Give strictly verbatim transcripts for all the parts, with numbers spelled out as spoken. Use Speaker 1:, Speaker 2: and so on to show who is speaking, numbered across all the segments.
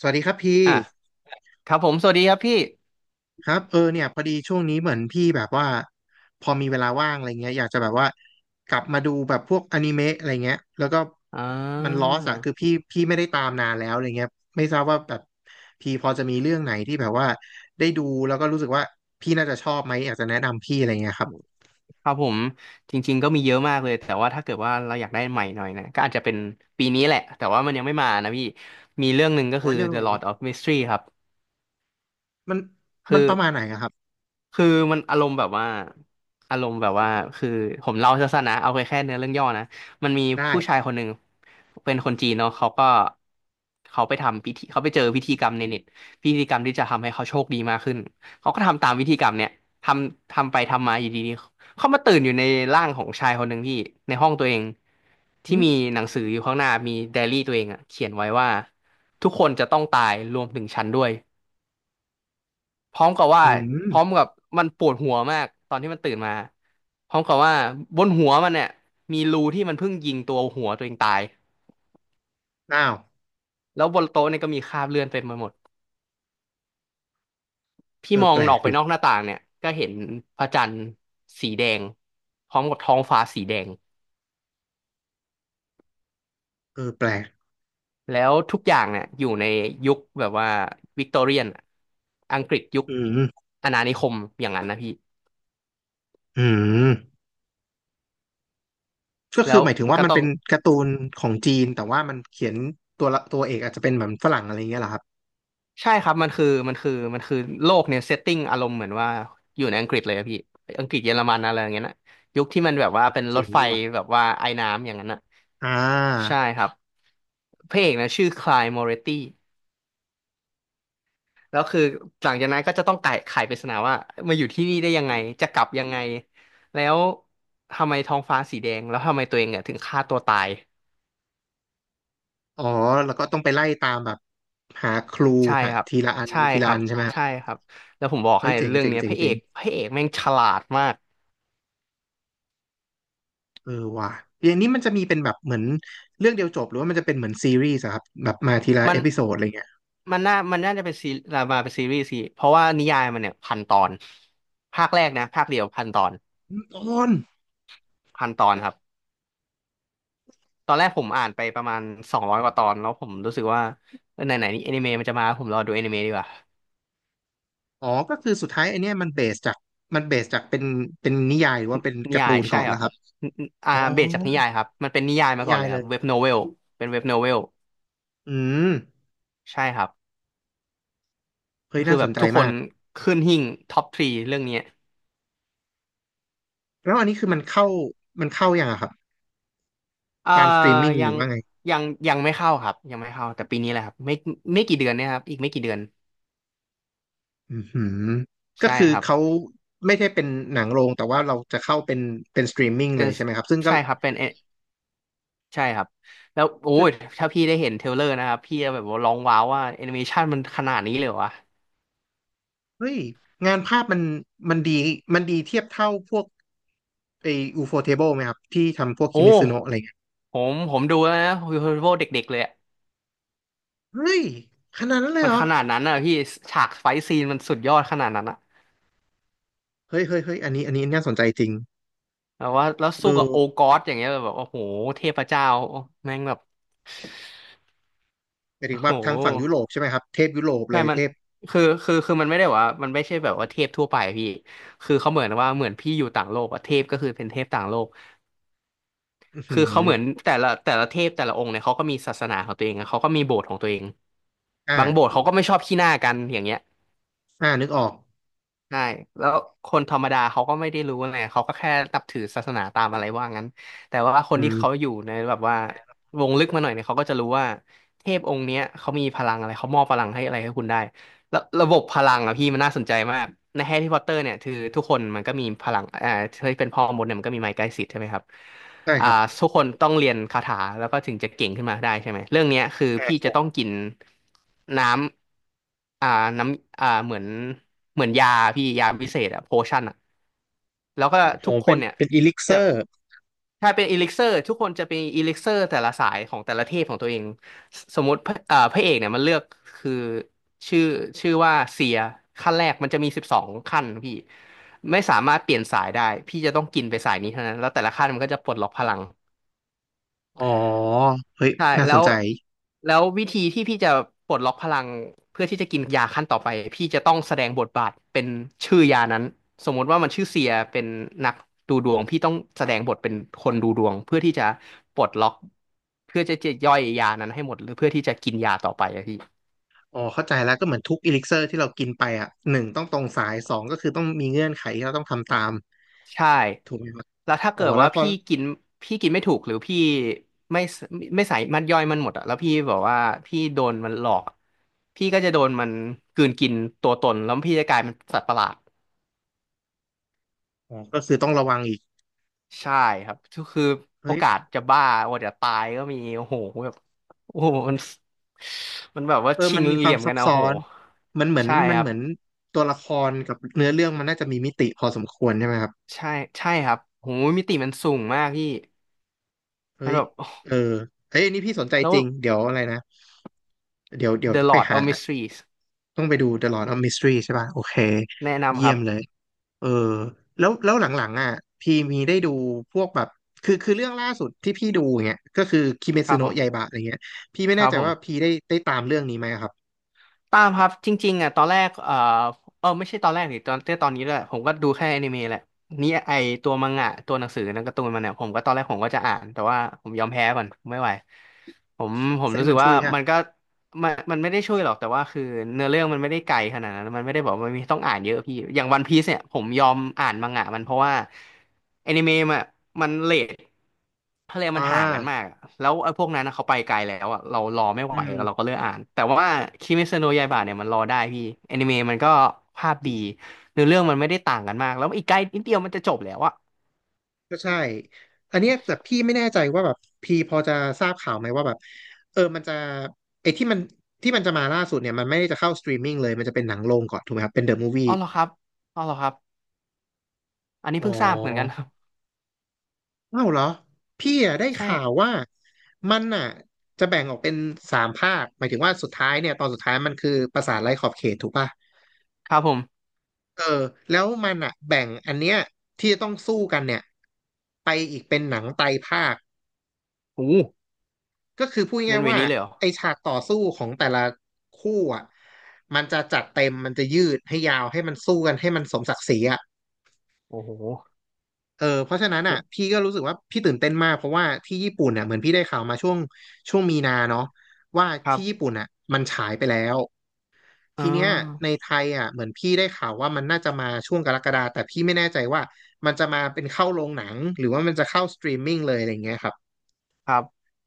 Speaker 1: สวัสดีครับพี่
Speaker 2: อ่ะครับผมสวัสดีครับพี่
Speaker 1: ครับเออเนี่ยพอดีช่วงนี้เหมือนพี่แบบว่าพอมีเวลาว่างอะไรเงี้ยอยากจะแบบว่ากลับมาดูแบบพวกอนิเมะอะไรเงี้ยแล้วก็
Speaker 2: อ่
Speaker 1: มันลอ
Speaker 2: า
Speaker 1: สอะคือพี่พี่ไม่ได้ตามนานแล้วอะไรเงี้ยไม่ทราบว่าแบบพี่พอจะมีเรื่องไหนที่แบบว่าได้ดูแล้วก็รู้สึกว่าพี่น่าจะชอบไหมอยากจะแนะนำพี่อะไรเงี้ยครับ
Speaker 2: ครับผมจริงๆก็มีเยอะมากเลยแต่ว่าถ้าเกิดว่าเราอยากได้ใหม่หน่อยนะก็อาจจะเป็นปีนี้แหละแต่ว่ามันยังไม่มานะพี่มีเรื่องหนึ่งก็
Speaker 1: โอ้
Speaker 2: คื
Speaker 1: ย
Speaker 2: อ
Speaker 1: เรื่องอะ
Speaker 2: The
Speaker 1: ไร
Speaker 2: Lord of Mystery ครับ
Speaker 1: มันมั
Speaker 2: คื
Speaker 1: น
Speaker 2: อ
Speaker 1: ประมาณไหนอะครับ
Speaker 2: คือมันอารมณ์แบบว่าอารมณ์แบบว่าคือผมเล่าสั้นๆนะเอาไปแค่เนื้อเรื่องย่อนะมันมี
Speaker 1: ได้
Speaker 2: ผู้ชายคนหนึ่งเป็นคนจีนเนาะเขาก็เขาไปทำพิธีเขาไปเจอพิธีกรรมในเน็ตพิธีกรรมที่จะทำให้เขาโชคดีมากขึ้นเขาก็ทำตามพิธีกรรมเนี่ยทำทำไปทำมาอยู่ดีๆเขามาตื่นอยู่ในร่างของชายคนหนึ่งที่ในห้องตัวเองที่
Speaker 1: อื
Speaker 2: มี
Speaker 1: ม
Speaker 2: หนังสืออยู่ข้างหน้ามีไดอารี่ตัวเองอะเขียนไว้ว่าทุกคนจะต้องตายรวมถึงฉันด้วย พร้อมกับว่า
Speaker 1: อื
Speaker 2: พร้อม
Speaker 1: ม
Speaker 2: กับมันปวดหัวมากตอนที่มันตื่นมาพร้อมกับว่าบนหัวมันเนี่ยมีรูที่มันเพิ่งยิงตัวหัวตัวเองตาย
Speaker 1: อ้าว
Speaker 2: แล้วบนโต๊ะเนี่ยก็มีคราบเลือดเต็มไปหมดพี่
Speaker 1: เออ
Speaker 2: มอ
Speaker 1: แป
Speaker 2: ง
Speaker 1: ล
Speaker 2: อ
Speaker 1: ก
Speaker 2: อกไป
Speaker 1: ดิ
Speaker 2: นอกหน้าต่างเนี่ยก็เห็นพระจันทร์สีแดงพร้อมกับท้องฟ้าสีแดง
Speaker 1: เออแปลก
Speaker 2: แล้วทุกอย่างเนี่ยอยู่ในยุคแบบว่าวิกตอเรียนอังกฤษยุค
Speaker 1: อืม
Speaker 2: อาณานิคมอย่างนั้นนะพี่
Speaker 1: อืม ก็
Speaker 2: แล้
Speaker 1: คือ
Speaker 2: ว
Speaker 1: หมายถึง
Speaker 2: มัน
Speaker 1: ว่า
Speaker 2: ก็
Speaker 1: มัน
Speaker 2: ต้อ
Speaker 1: เป็
Speaker 2: ง
Speaker 1: นการ์ตูนของจีนแต่ว่ามันเขียนตัวละตัวเอกอาจจะเป็นเหมือนฝรั่งอะไรอย่างเงี้ยเหรอครับ
Speaker 2: ใช่ครับมันคือมันคือมันคือโลกเนี่ยเซตติ้งอารมณ์เหมือนว่าอยู่ในอังกฤษเลยอะพี่อังกฤษเยอรมันอะไรอย่างเงี้ยนะยุคที่มันแบบว่าเป็นร
Speaker 1: เจ๋
Speaker 2: ถ
Speaker 1: ง
Speaker 2: ไฟ
Speaker 1: ดีว่ะ
Speaker 2: แบบว่าไอ้น้ำอย่างนั้นนะ
Speaker 1: อ่
Speaker 2: ใช่
Speaker 1: า
Speaker 2: ครับพระเอกนะชื่อคลายมอเรตตี้แล้วคือหลังจากนั้นก็จะต้องไขไขปริศนาว่ามาอยู่ที่นี่ได้ยังไงจะกลับยังไงแล้วทำไมท้องฟ้าสีแดงแล้วทำไมตัวเองเนี่ยถึงฆ่าตัวตาย
Speaker 1: อ๋อแล้วก็ต้องไปไล่ตามแบบหาครู
Speaker 2: ใช่
Speaker 1: หา
Speaker 2: ครับ
Speaker 1: ทีละอัน
Speaker 2: ใช่
Speaker 1: ที
Speaker 2: ค
Speaker 1: ละ
Speaker 2: รั
Speaker 1: อั
Speaker 2: บ
Speaker 1: นใช่ไหมฮะ
Speaker 2: ใช่ครับแล้วผมบอก
Speaker 1: เฮ้
Speaker 2: ให้
Speaker 1: ยเจ๋ง
Speaker 2: เรื่อง
Speaker 1: เจ๋ง
Speaker 2: เนี้ย
Speaker 1: เจ๋
Speaker 2: พ
Speaker 1: ง
Speaker 2: ระเอ
Speaker 1: เจ๋ง
Speaker 2: กพระเอกแม่งฉลาดมาก
Speaker 1: เออว่ะอย่างนี้มันจะมีเป็นแบบเหมือนเรื่องเดียวจบหรือว่ามันจะเป็นเหมือนซีรีส์อะครับแบบมาทีละ
Speaker 2: มั
Speaker 1: เอ
Speaker 2: น
Speaker 1: พิโซดอะไรเงี้ย
Speaker 2: มันน่ามันน่าจะเป็นซีรามาเป็นซีรีส์สิเพราะว่านิยายมันเนี่ยพันตอนภาคแรกนะภาคเดียวพันตอน
Speaker 1: ตอน
Speaker 2: พันตอนครับตอนแรกผมอ่านไปประมาณสองร้อยกว่าตอนแล้วผมรู้สึกว่าเออไหนไหนนี่แอนิเมะมันจะมาผมรอดูแอนิเมะดีกว่า
Speaker 1: อ๋อก็คือสุดท้ายไอเนี้ยมันเบสจากมันเบสจากเป็นเป็นนิยายหรือว่าเป็น
Speaker 2: นิ
Speaker 1: การ์
Speaker 2: ยา
Speaker 1: ตู
Speaker 2: ย
Speaker 1: น
Speaker 2: ใช่
Speaker 1: ก่อน
Speaker 2: ครั
Speaker 1: แล้ว
Speaker 2: บ
Speaker 1: ครับ
Speaker 2: นนอ่า
Speaker 1: อ๋อ
Speaker 2: เบสจากนิยายครับมันเป็นนิยาย
Speaker 1: นิ
Speaker 2: มาก่อน
Speaker 1: ยา
Speaker 2: เล
Speaker 1: ย
Speaker 2: ยค
Speaker 1: เล
Speaker 2: รับ
Speaker 1: ย
Speaker 2: เว็บโนเวลเป็นเว็บโนเวล
Speaker 1: อืม
Speaker 2: ใช่ครับ
Speaker 1: เฮ้
Speaker 2: ก็
Speaker 1: ย
Speaker 2: คื
Speaker 1: น่า
Speaker 2: อ
Speaker 1: ส
Speaker 2: แบ
Speaker 1: น
Speaker 2: บ
Speaker 1: ใจ
Speaker 2: ทุกค
Speaker 1: มา
Speaker 2: น
Speaker 1: ก
Speaker 2: ขึ้นหิ้งท็อปทรีเรื่องนี้
Speaker 1: แล้วอันนี้คือมันเข้ามันเข้ายังอะครับ
Speaker 2: เอ่อ
Speaker 1: ตามสตรีมมิ่งห
Speaker 2: ยั
Speaker 1: รือ
Speaker 2: ง
Speaker 1: ว่าไง
Speaker 2: ยังยังไม่เข้าครับยังไม่เข้าแต่ปีนี้แหละครับไม่ไม่กี่เดือนเนี่ยครับอีกไม่กี่เดือน
Speaker 1: อือหือก็
Speaker 2: ใช่
Speaker 1: คือ
Speaker 2: ครับ
Speaker 1: เขาไม่ได้เป็นหนังโรงแต่ว่าเราจะเข้าเป็นเป็นสตรีมมิ่งเล
Speaker 2: เป็น
Speaker 1: ยใช่ไหมครับซึ่งก็
Speaker 2: ใช่ครับเป็นเอใช่ครับแล้วโอ้
Speaker 1: คือ
Speaker 2: ยถ้าพี่ได้เห็นเทรลเลอร์นะครับพี่จะแบบว่าร้องว้าวว่าแอนิเมชันมันขนาดนี้เลยเหรอวะ
Speaker 1: เฮ้ยงานภาพมันมันดีมันดีเทียบเท่าพวกไออูโฟเทเบิลไหมครับที่ทำพวก
Speaker 2: โอ้
Speaker 1: คิมิซึโนะอะไรเงี้ย
Speaker 2: ผมผมดูแล้วนะฮีโร่เด็กๆเลยอะ
Speaker 1: เฮ้ยขนาดนั้นเลย
Speaker 2: มัน
Speaker 1: เหร
Speaker 2: ข
Speaker 1: อ
Speaker 2: นาดนั้นอ่ะพี่ฉากไฟท์ซีนมันสุดยอดขนาดนั้นอะ
Speaker 1: เฮ้ยเฮ้ยเฮ้ยอันนี้อันนี้น่าสนใจจริง
Speaker 2: แบบว่าแล้ว
Speaker 1: เออ
Speaker 2: สู้กับโอกอสอย่างเงี้ยแบบโอ้โหเทพเจ้าแม่งแบบ
Speaker 1: หมายถึ
Speaker 2: โอ้
Speaker 1: ง
Speaker 2: โห
Speaker 1: ว่าทางฝั่งยุโรปใช่ไหมครับเทพยุโรป
Speaker 2: ใช่
Speaker 1: เลย
Speaker 2: มั
Speaker 1: เท
Speaker 2: น
Speaker 1: พ
Speaker 2: คือคือคือมันไม่ได้ว่ามันไม่ใช่แบบว่าเทพทั่วไปอะพี่คือเขาเหมือนว่าเหมือนพี่อยู่ต่างโลกอะเทพก็คือเป็นเทพต่างโลก
Speaker 1: อือหือ
Speaker 2: คือเขาเหมือนแต่ละแต่ละเทพแต่ละองค์เนี่ยเขาก็มีศาสนาของตัวเองอะเขาก็มีโบสถ์ของตัวเอง
Speaker 1: อ่า
Speaker 2: บางโบสถ์เขาก็ไม่ชอบขี้หน้ากันอย่างเงี้ย
Speaker 1: อ่านึกออก
Speaker 2: ใช่แล้วคนธรรมดาเขาก็ไม่ได้รู้ไงเขาก็แค่นับถือศาสนาตามอะไรว่างั้นแต่ว่าค
Speaker 1: อื
Speaker 2: นที่เขาอ
Speaker 1: ม
Speaker 2: ยู่ในแบบว่าวงลึกมาหน่อยเนี่ยเขาก็จะรู้ว่าเทพองค์เนี้ยเขามีพลังอะไรเขามอบพลังให้อะไรให้คุณได้แล้วระบบพลังอะพี่มันน่าสนใจมากในแฮร์รี่พอตเตอร์เนี่ยคือทุกคนมันก็มีพลังอ่าที่เป็นพ่อมดเนี่ยมันก็มีไม้กลายสิทธิ์ใช่ไหมครับ
Speaker 1: ใช่
Speaker 2: อ่า
Speaker 1: ครับ
Speaker 2: ทุกคนต้องเรียนคาถาแล้วก็ถึงจะเก่งขึ้นมาได้ใช่ไหมเรื่องเนี้ยคือพี่จะต้อง
Speaker 1: อ่า
Speaker 2: กินน้ำอ่าน้ำอ่าเหมือนเหมือนยาพี่ยาพิเศษอะโพชั่นอะแล้วก็
Speaker 1: โห
Speaker 2: ทุกค
Speaker 1: เป็
Speaker 2: น
Speaker 1: น
Speaker 2: เนี่ย
Speaker 1: เป็นอีลิกเซ
Speaker 2: จะ
Speaker 1: อร์
Speaker 2: ถ้าเป็นอีลิกเซอร์ทุกคนจะเป็นอีลิกเซอร์แต่ละสายของแต่ละเทพของตัวเอง สสมมติพระเอ่อพระเอกเนี่ยมันเลือกคือชื่อชื่อว่าเสียขั้นแรกมันจะมีสิบสองขั้นพี่ไม่สามารถเปลี่ยนสายได้พี่จะต้องกินไปสายนี้เท่านั้นแล้วแต่ละขั้นมันก็จะปลดล็อกพลัง
Speaker 1: อ๋อเฮ้ย
Speaker 2: ใช่
Speaker 1: น่า
Speaker 2: แล้
Speaker 1: สน
Speaker 2: ว
Speaker 1: ใจ
Speaker 2: แล้ววิธีที่พี่จะปลดล็อกพลังเพื่อที่จะกินยาขั้นต่อไปพี่จะต้องแสดงบทบาทเป็นชื่อยานั้นสมมติว่ามันชื่อเสียเป็นนักดูดวงพี่ต้องแสดงบทเป็นคนดูดวงเพื่อที่จะปลดล็อกเพื่อจะจะย่อยยานั้นให้หมดหรือเพื่อที่จะกินยาต่อไปอะพี่
Speaker 1: อ๋อเข้าใจแล้วก็เหมือนทุกอีลิกเซอร์ที่เรากินไปอ่ะหนึ่งต้องตรงสายสองก็คือต้องมีเงื่อนไขที่เราต้องทำตาม
Speaker 2: ใช่
Speaker 1: ถูกไหมครับ
Speaker 2: แล้วถ้า
Speaker 1: อ๋อ
Speaker 2: เกิด
Speaker 1: แล้
Speaker 2: ว่า
Speaker 1: วก็
Speaker 2: พี่กินพี่กินไม่ถูกหรือพี่ไม่สไม่ใส่มันย่อยมันหมดอะแล้วพี่บอกว่าพี่โดนมันหลอกอะพี่ก็จะโดนมันกลืนกินตัวตนแล้วพี่จะกลายเป็นสัตว์ประหลาด
Speaker 1: อ๋อก็คือต้องระวังอีก
Speaker 2: ใช่ครับคือโอ
Speaker 1: เฮ้ย
Speaker 2: กาสจะบ้าโอกาสจะตายก็มีโอ้โหแบบโอ้โหมันมันแบบว่า
Speaker 1: เออ
Speaker 2: ชิ
Speaker 1: มั
Speaker 2: ง
Speaker 1: นมีค
Speaker 2: เห
Speaker 1: วา
Speaker 2: ลี่
Speaker 1: ม
Speaker 2: ยม
Speaker 1: ซั
Speaker 2: กั
Speaker 1: บ
Speaker 2: นอะ
Speaker 1: ซ้
Speaker 2: โอ้
Speaker 1: อ
Speaker 2: โห
Speaker 1: นมันเหมือน
Speaker 2: ใช่
Speaker 1: มั
Speaker 2: ค
Speaker 1: น
Speaker 2: รั
Speaker 1: เห
Speaker 2: บ
Speaker 1: มือนตัวละครกับเนื้อเรื่องมันน่าจะมีมิติพอสมควรใช่ไหมครับ
Speaker 2: ใช่ใช่ครับโหมิติมันสูงมากพี่
Speaker 1: เฮ้
Speaker 2: มัน
Speaker 1: ย
Speaker 2: แบบโอ้โห
Speaker 1: เออเฮ้ยอันนี่พี่สนใจ
Speaker 2: แล้ว
Speaker 1: จริงเดี๋ยวอะไรนะเดี๋ยวเดี๋ยวต้
Speaker 2: The
Speaker 1: องไป
Speaker 2: Lord
Speaker 1: หา
Speaker 2: of Mysteries
Speaker 1: ต้องไปดู The Lord of Mystery ใช่ป่ะโอเค
Speaker 2: แนะนำ
Speaker 1: เยี่
Speaker 2: ค
Speaker 1: ย
Speaker 2: รับ
Speaker 1: มเลย เออแล้วแล้วหลังๆอ่ะพี่มีได้ดูพวกแบบคือคือเรื่องล่าสุดที่พี่ดูอย่างเงี้ยก็คือคิเม
Speaker 2: ค
Speaker 1: ซุ
Speaker 2: รับผ
Speaker 1: โนะ
Speaker 2: ม
Speaker 1: ยาอิบะอะไรเงี้ยพี่ไม่
Speaker 2: ค
Speaker 1: แน่
Speaker 2: รับ
Speaker 1: ใจ
Speaker 2: ผม
Speaker 1: ว่าพี่ได้ได้ตามเรื่องนี้ไหมอะครับ
Speaker 2: ตามครับ จริงๆอ่ะตอนแรกเออเออไม่ใช่ตอนแรกดิตอนตอนนี้แหละผมก็ดูแค่อนิเมะแหละ นี่ไอตัวมังงะตัวหนังสือนังการ์ตูนมันเนี่ยผมก็ตอนแรกผมก็จะอ่าน แต่ว่าผมยอมแพ้ก่อน ไม่ไหว ผมผม
Speaker 1: เส้
Speaker 2: รู้
Speaker 1: น
Speaker 2: สึ
Speaker 1: มั
Speaker 2: ก
Speaker 1: น
Speaker 2: ว่า
Speaker 1: ช่วยใช่
Speaker 2: มั
Speaker 1: ปะ
Speaker 2: นก็มันมันไม่ได้ช่วยหรอกแต่ว่าคือเนื้อเรื่องมันไม่ได้ไกลขนาดนั้นมันไม่ได้บอกว่ามนมีต้องอ่านเยอะพี่อย่างวันพีซเนี่ยผมยอมอ่านมังงะมันเพราะว่าแอนิเมะมันมันเรททะเลมัน
Speaker 1: อ่า
Speaker 2: ห่างกันมากอะแล้วไอ้พวกนั้นนะเขาไปไกลแล้วอ่ะเรารอไม่ไห
Speaker 1: อื
Speaker 2: ว
Speaker 1: ม
Speaker 2: เราก็เลือกอ่านแต่ว่าคิเมซโนะยาอิบะเนี่ยมันรอได้พี่แอนิเมะมันก็ภาพดีเนื้อเรื่องมันไม่ได้ต่างกันมากแล้วอีกใกล้นิดเดียวมันจะจบแล้วอ่ะ
Speaker 1: ก็ใช่อันเนี้ยแต่พี่ไม่แน่ใจว่าแบบพี่พอจะทราบข่าวไหมว่าแบบเออมันจะไอ้ที่มันที่มันจะมาล่าสุดเนี่ยมันไม่ได้จะเข้าสตรีมมิ่งเลยมันจะเป็นหนังโรงก่อนถูกไหมครับเป็นเดอะมูฟวี่
Speaker 2: อ๋อเหรอครับอ๋อเหรอครับอันนี้
Speaker 1: อ๋อ
Speaker 2: เพิ่งทราบเหมือนกันครับ
Speaker 1: เอ้าเหรอพี่อะได้
Speaker 2: ใช่
Speaker 1: ข่าวว่ามันอ่ะจะแบ่งออกเป็นสามภาคหมายถึงว่าสุดท้ายเนี่ยตอนสุดท้ายมันคือปราสาทไร้ขอบเขตถูกป่ะ
Speaker 2: ครับผม
Speaker 1: เออแล้วมันอ่ะแบ่งอันเนี้ยที่จะต้องสู้กันเนี่ยไปอีกเป็นหนังไตรภาค
Speaker 2: โอ้
Speaker 1: ก็คือพูด
Speaker 2: เล่
Speaker 1: ง่า
Speaker 2: น
Speaker 1: ย
Speaker 2: เว
Speaker 1: ๆว่า
Speaker 2: นี้เลยเหรอ
Speaker 1: ไอฉากต่อสู้ของแต่ละคู่อ่ะมันจะจัดเต็มมันจะยืดให้ยาวให้มันสู้กันให้มันสมศักดิ์ศรีอ่ะ
Speaker 2: โอ้โห
Speaker 1: เออเพราะฉะนั้นอ่ะพี่ก็รู้สึกว่าพี่ตื่นเต้นมากเพราะว่าที่ญี่ปุ่นเนี่ยเหมือนพี่ได้ข่าวมาช่วงช่วงมีนาเนาะว่า
Speaker 2: ครับ
Speaker 1: ที่ญี่ปุ่นอ่ะมันฉายไปแล้ว
Speaker 2: อ่
Speaker 1: ทีเนี้ยใน
Speaker 2: า
Speaker 1: ไทยอ่ะเหมือนพี่ได้ข่าวว่ามันน่าจะมาช่วงกรกฎาแต่พี่ไม่แน่ใจว่ามันจะมาเป็นเข้าโรงหนังหรือว่ามันจะเข้าสตรีมมิ่งเลยอะไรอย่างเงี้ยครับ
Speaker 2: ครับ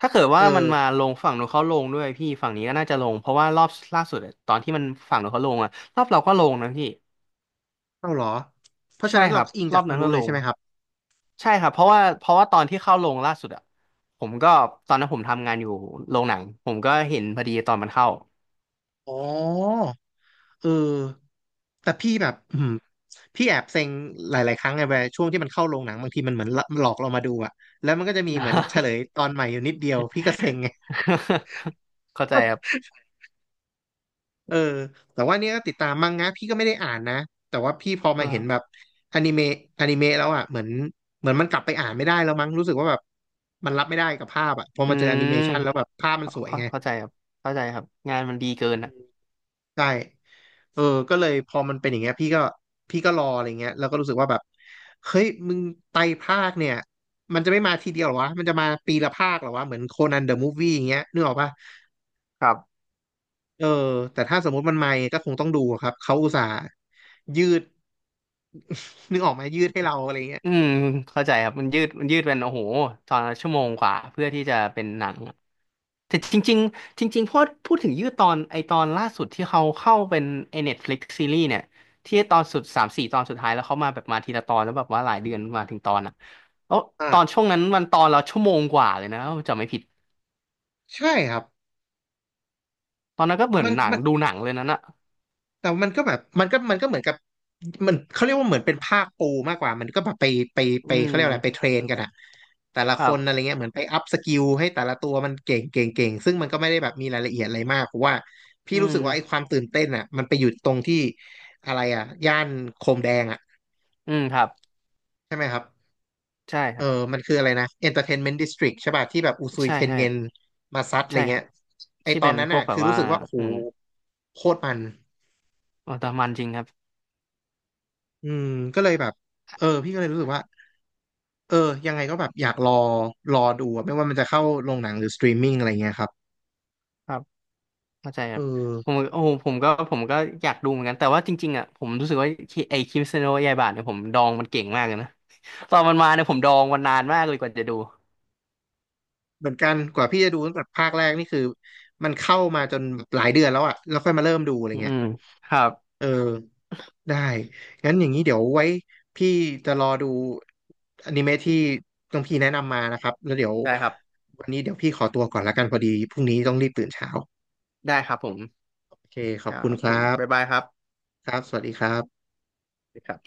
Speaker 2: ถ้าเกิด
Speaker 1: เอ
Speaker 2: ว่ามัน
Speaker 1: อ
Speaker 2: มาลงฝั่งนู้นเขาลงด้วยพี่ฝั่งนี้ก็น่าจะลงเพราะว่ารอบล่าสุดอะตอนที่มันฝั่งนู้นเขาลงอะรอบเราก็ลงนะพี่
Speaker 1: เข้าเหรอเพราะฉะ
Speaker 2: ใช่
Speaker 1: นั้น
Speaker 2: ค
Speaker 1: เรา
Speaker 2: รับ
Speaker 1: ก็อิง
Speaker 2: ร
Speaker 1: จา
Speaker 2: อ
Speaker 1: ก
Speaker 2: บ
Speaker 1: ทาง
Speaker 2: นั้น
Speaker 1: นู้
Speaker 2: ก็
Speaker 1: น
Speaker 2: ล
Speaker 1: เลยใช่
Speaker 2: ง
Speaker 1: ไหมครับ
Speaker 2: ใช่ครับเพราะว่าเพราะว่าตอนที่เข้าลงล่าสุดอะผมก็ตอนนั้นผมทำงานอยู่โรงหนังผมก็เห็นพอดีตอนมันเข้า
Speaker 1: อ๋อ เออแต่พี่แบบอืมพี่แอบเซ็งหลายๆครั้งไงเวลาช่วงที่มันเข้าโรงหนังบางทีมันเหมือนหลอกเรามาดูอะแล้วมันก็จะมีเหมือนเฉลยตอนใหม่อยู่นิดเดียวพี่ก็เซ็งไง
Speaker 2: เข้าใจครับ
Speaker 1: เออแต่ว่าเนี่ยก็ติดตามมังงะพี่ก็ไม่ได้อ่านนะแต่ว่าพี่พอมาเห็นแบบอนิเมะอนิเมะแล้วอ่ะเหมือนเหมือนมันกลับไปอ่านไม่ได้แล้วมั้งรู้สึกว่าแบบมันรับไม่ได้กับภาพอ่ะพอ
Speaker 2: อื
Speaker 1: มาเจอแอนิเม
Speaker 2: ม
Speaker 1: ชันแล้วแบบภาพมัน
Speaker 2: เข้า
Speaker 1: สวย
Speaker 2: เข้า
Speaker 1: ไง
Speaker 2: เข้าใจครับเข้าใจครับงานมันดีเกินอะ
Speaker 1: ใช่เออก็เลยพอมันเป็นอย่างเงี้ยพี่ก็พี่ก็รออะไรเงี้ยแล้วก็รู้สึกว่าแบบเฮ้ยมึงไตรภาคเนี่ยมันจะไม่มาทีเดียวเหรอวะมันจะมาปีละภาคเหรอวะเหมือนโคนันเดอะมูฟวี่อย่างเงี้ยนึกออกปะ
Speaker 2: ครับ
Speaker 1: เออแต่ถ้าสมมติมันมาก็คงต้องดูอะครับเขาอุตส่าห์ยืดนึกออกไหมยืดให้เราอะไรเงี้ย
Speaker 2: อืมเข้าใจครับมันยืดมันยืดเป็นโอ้โหตอนละชั่วโมงกว่าเพื่อที่จะเป็นหนังอะแต่จริงๆจริงๆพอพูดถึงยืดตอนไอตอนล่าสุดที่เขาเข้าเป็นไอ Netflix ซีรีส์เนี่ยที่ตอนสุดสามสี่ตอนสุดท้ายแล้วเขามาแบบมาทีละตอนแล้วแบบว่าหลายเดือนมาถึงตอนอ่ะแล้ว
Speaker 1: อ่า
Speaker 2: ตอนช่วงนั้นมันตอนละชั่วโมงกว่าเลยนะถ้าผมจำไม่ผิด
Speaker 1: ใช่ครับ
Speaker 2: ตอนนั้นก็เหมือน
Speaker 1: มัน
Speaker 2: หนัง
Speaker 1: มัน
Speaker 2: ดูหนังเลยนั้นอ่ะ
Speaker 1: แต่มันก็แบบมันก็มันก็เหมือนกับมันเขาเรียกว่าเหมือนเป็นภาคปูมากกว่ามันก็แบบไปไปไป
Speaker 2: อื
Speaker 1: เขาเรียกอะไรไปเท
Speaker 2: ม
Speaker 1: รนกันอะแต่ละ
Speaker 2: ค
Speaker 1: ค
Speaker 2: รับ
Speaker 1: นอะไรเงี้ยเหมือนไปอัพสกิลให้แต่ละตัวมันเก่งเก่งเก่งซึ่งมันก็ไม่ได้แบบมีรายละเอียดอะไรมากเพราะว่าพี่
Speaker 2: อื
Speaker 1: รู้สึกว่าไอ้ค
Speaker 2: ม
Speaker 1: วามตื่นเต้นอะมันไปอยู่ตรงที่อะไรอะย่านโคมแดงอะ
Speaker 2: อืมครับ
Speaker 1: ใช่ไหมครับ
Speaker 2: ใช่ค
Speaker 1: เอ
Speaker 2: รั
Speaker 1: อ
Speaker 2: บ
Speaker 1: มันคืออะไรนะ เอ็นเตอร์เทนเมนต์ ดิสทริค ใช่ป่ะที่แบบอุซุย
Speaker 2: ใช่
Speaker 1: เทน
Speaker 2: ใช่
Speaker 1: เงินมาซัดอะไร
Speaker 2: ใช่ค
Speaker 1: เงี้
Speaker 2: รั
Speaker 1: ย
Speaker 2: บ
Speaker 1: ไอ
Speaker 2: ที่
Speaker 1: ตอ
Speaker 2: เป็
Speaker 1: น
Speaker 2: น
Speaker 1: นั้น
Speaker 2: พว
Speaker 1: อะ
Speaker 2: กแบ
Speaker 1: คื
Speaker 2: บ
Speaker 1: อ
Speaker 2: ว่า
Speaker 1: รู้สึกว่าโอ้โห
Speaker 2: อืม
Speaker 1: โคตรมัน
Speaker 2: โอ้แต่มันจริงครับ
Speaker 1: อืมก็เลยแบบเออพี่ก็เลยรู้สึกว่า เออยังไงก็แบบอยากรอรอดูอะไม่ว่ามันจะเข้าโรงหนังหรือสตรีมมิ่งอะไรเงี้ยครับ
Speaker 2: เข้าใจค
Speaker 1: เออ
Speaker 2: รับผมโอ้โหผมก็ผมก็อยากดูเหมือนกันแต่ว่าจริงๆอ่ะผมรู้สึกว่าคิไอ้คริสเตียโนยายบาทเนี่ยผมดองมันเก่งมากเลยนะ ตอนมันมาเนี่ยผมดองมันนานมากเลยกว่าจะดู
Speaker 1: เหมือนกันกว่าพี่จะดูตั้งแต่ภาคแรกนี่คือมันเข้ามาจนหลายเดือนแล้วอะแล้วค่อยมาเริ่มดูอะไร
Speaker 2: อื
Speaker 1: เงี้ย
Speaker 2: มครับ
Speaker 1: เออได้งั้นอย่างนี้เดี๋ยวไว้พี่จะรอดูอนิเมะที่ต้องพี่แนะนำมานะครับแล้วเดี๋ยว
Speaker 2: ได้ครับ
Speaker 1: วันนี้เดี๋ยวพี่ขอตัวก่อนละกันพอดีพรุ่งนี้ต้องรีบตื่นเช้า
Speaker 2: ได้ครับผม
Speaker 1: โอเคข
Speaker 2: ค
Speaker 1: อบ
Speaker 2: รั
Speaker 1: คุณ
Speaker 2: บ
Speaker 1: ค
Speaker 2: ผ
Speaker 1: รั
Speaker 2: มบ๊ายบา
Speaker 1: บ
Speaker 2: ยครับ
Speaker 1: ครับสวัสดีครับ
Speaker 2: สวัสดีครับ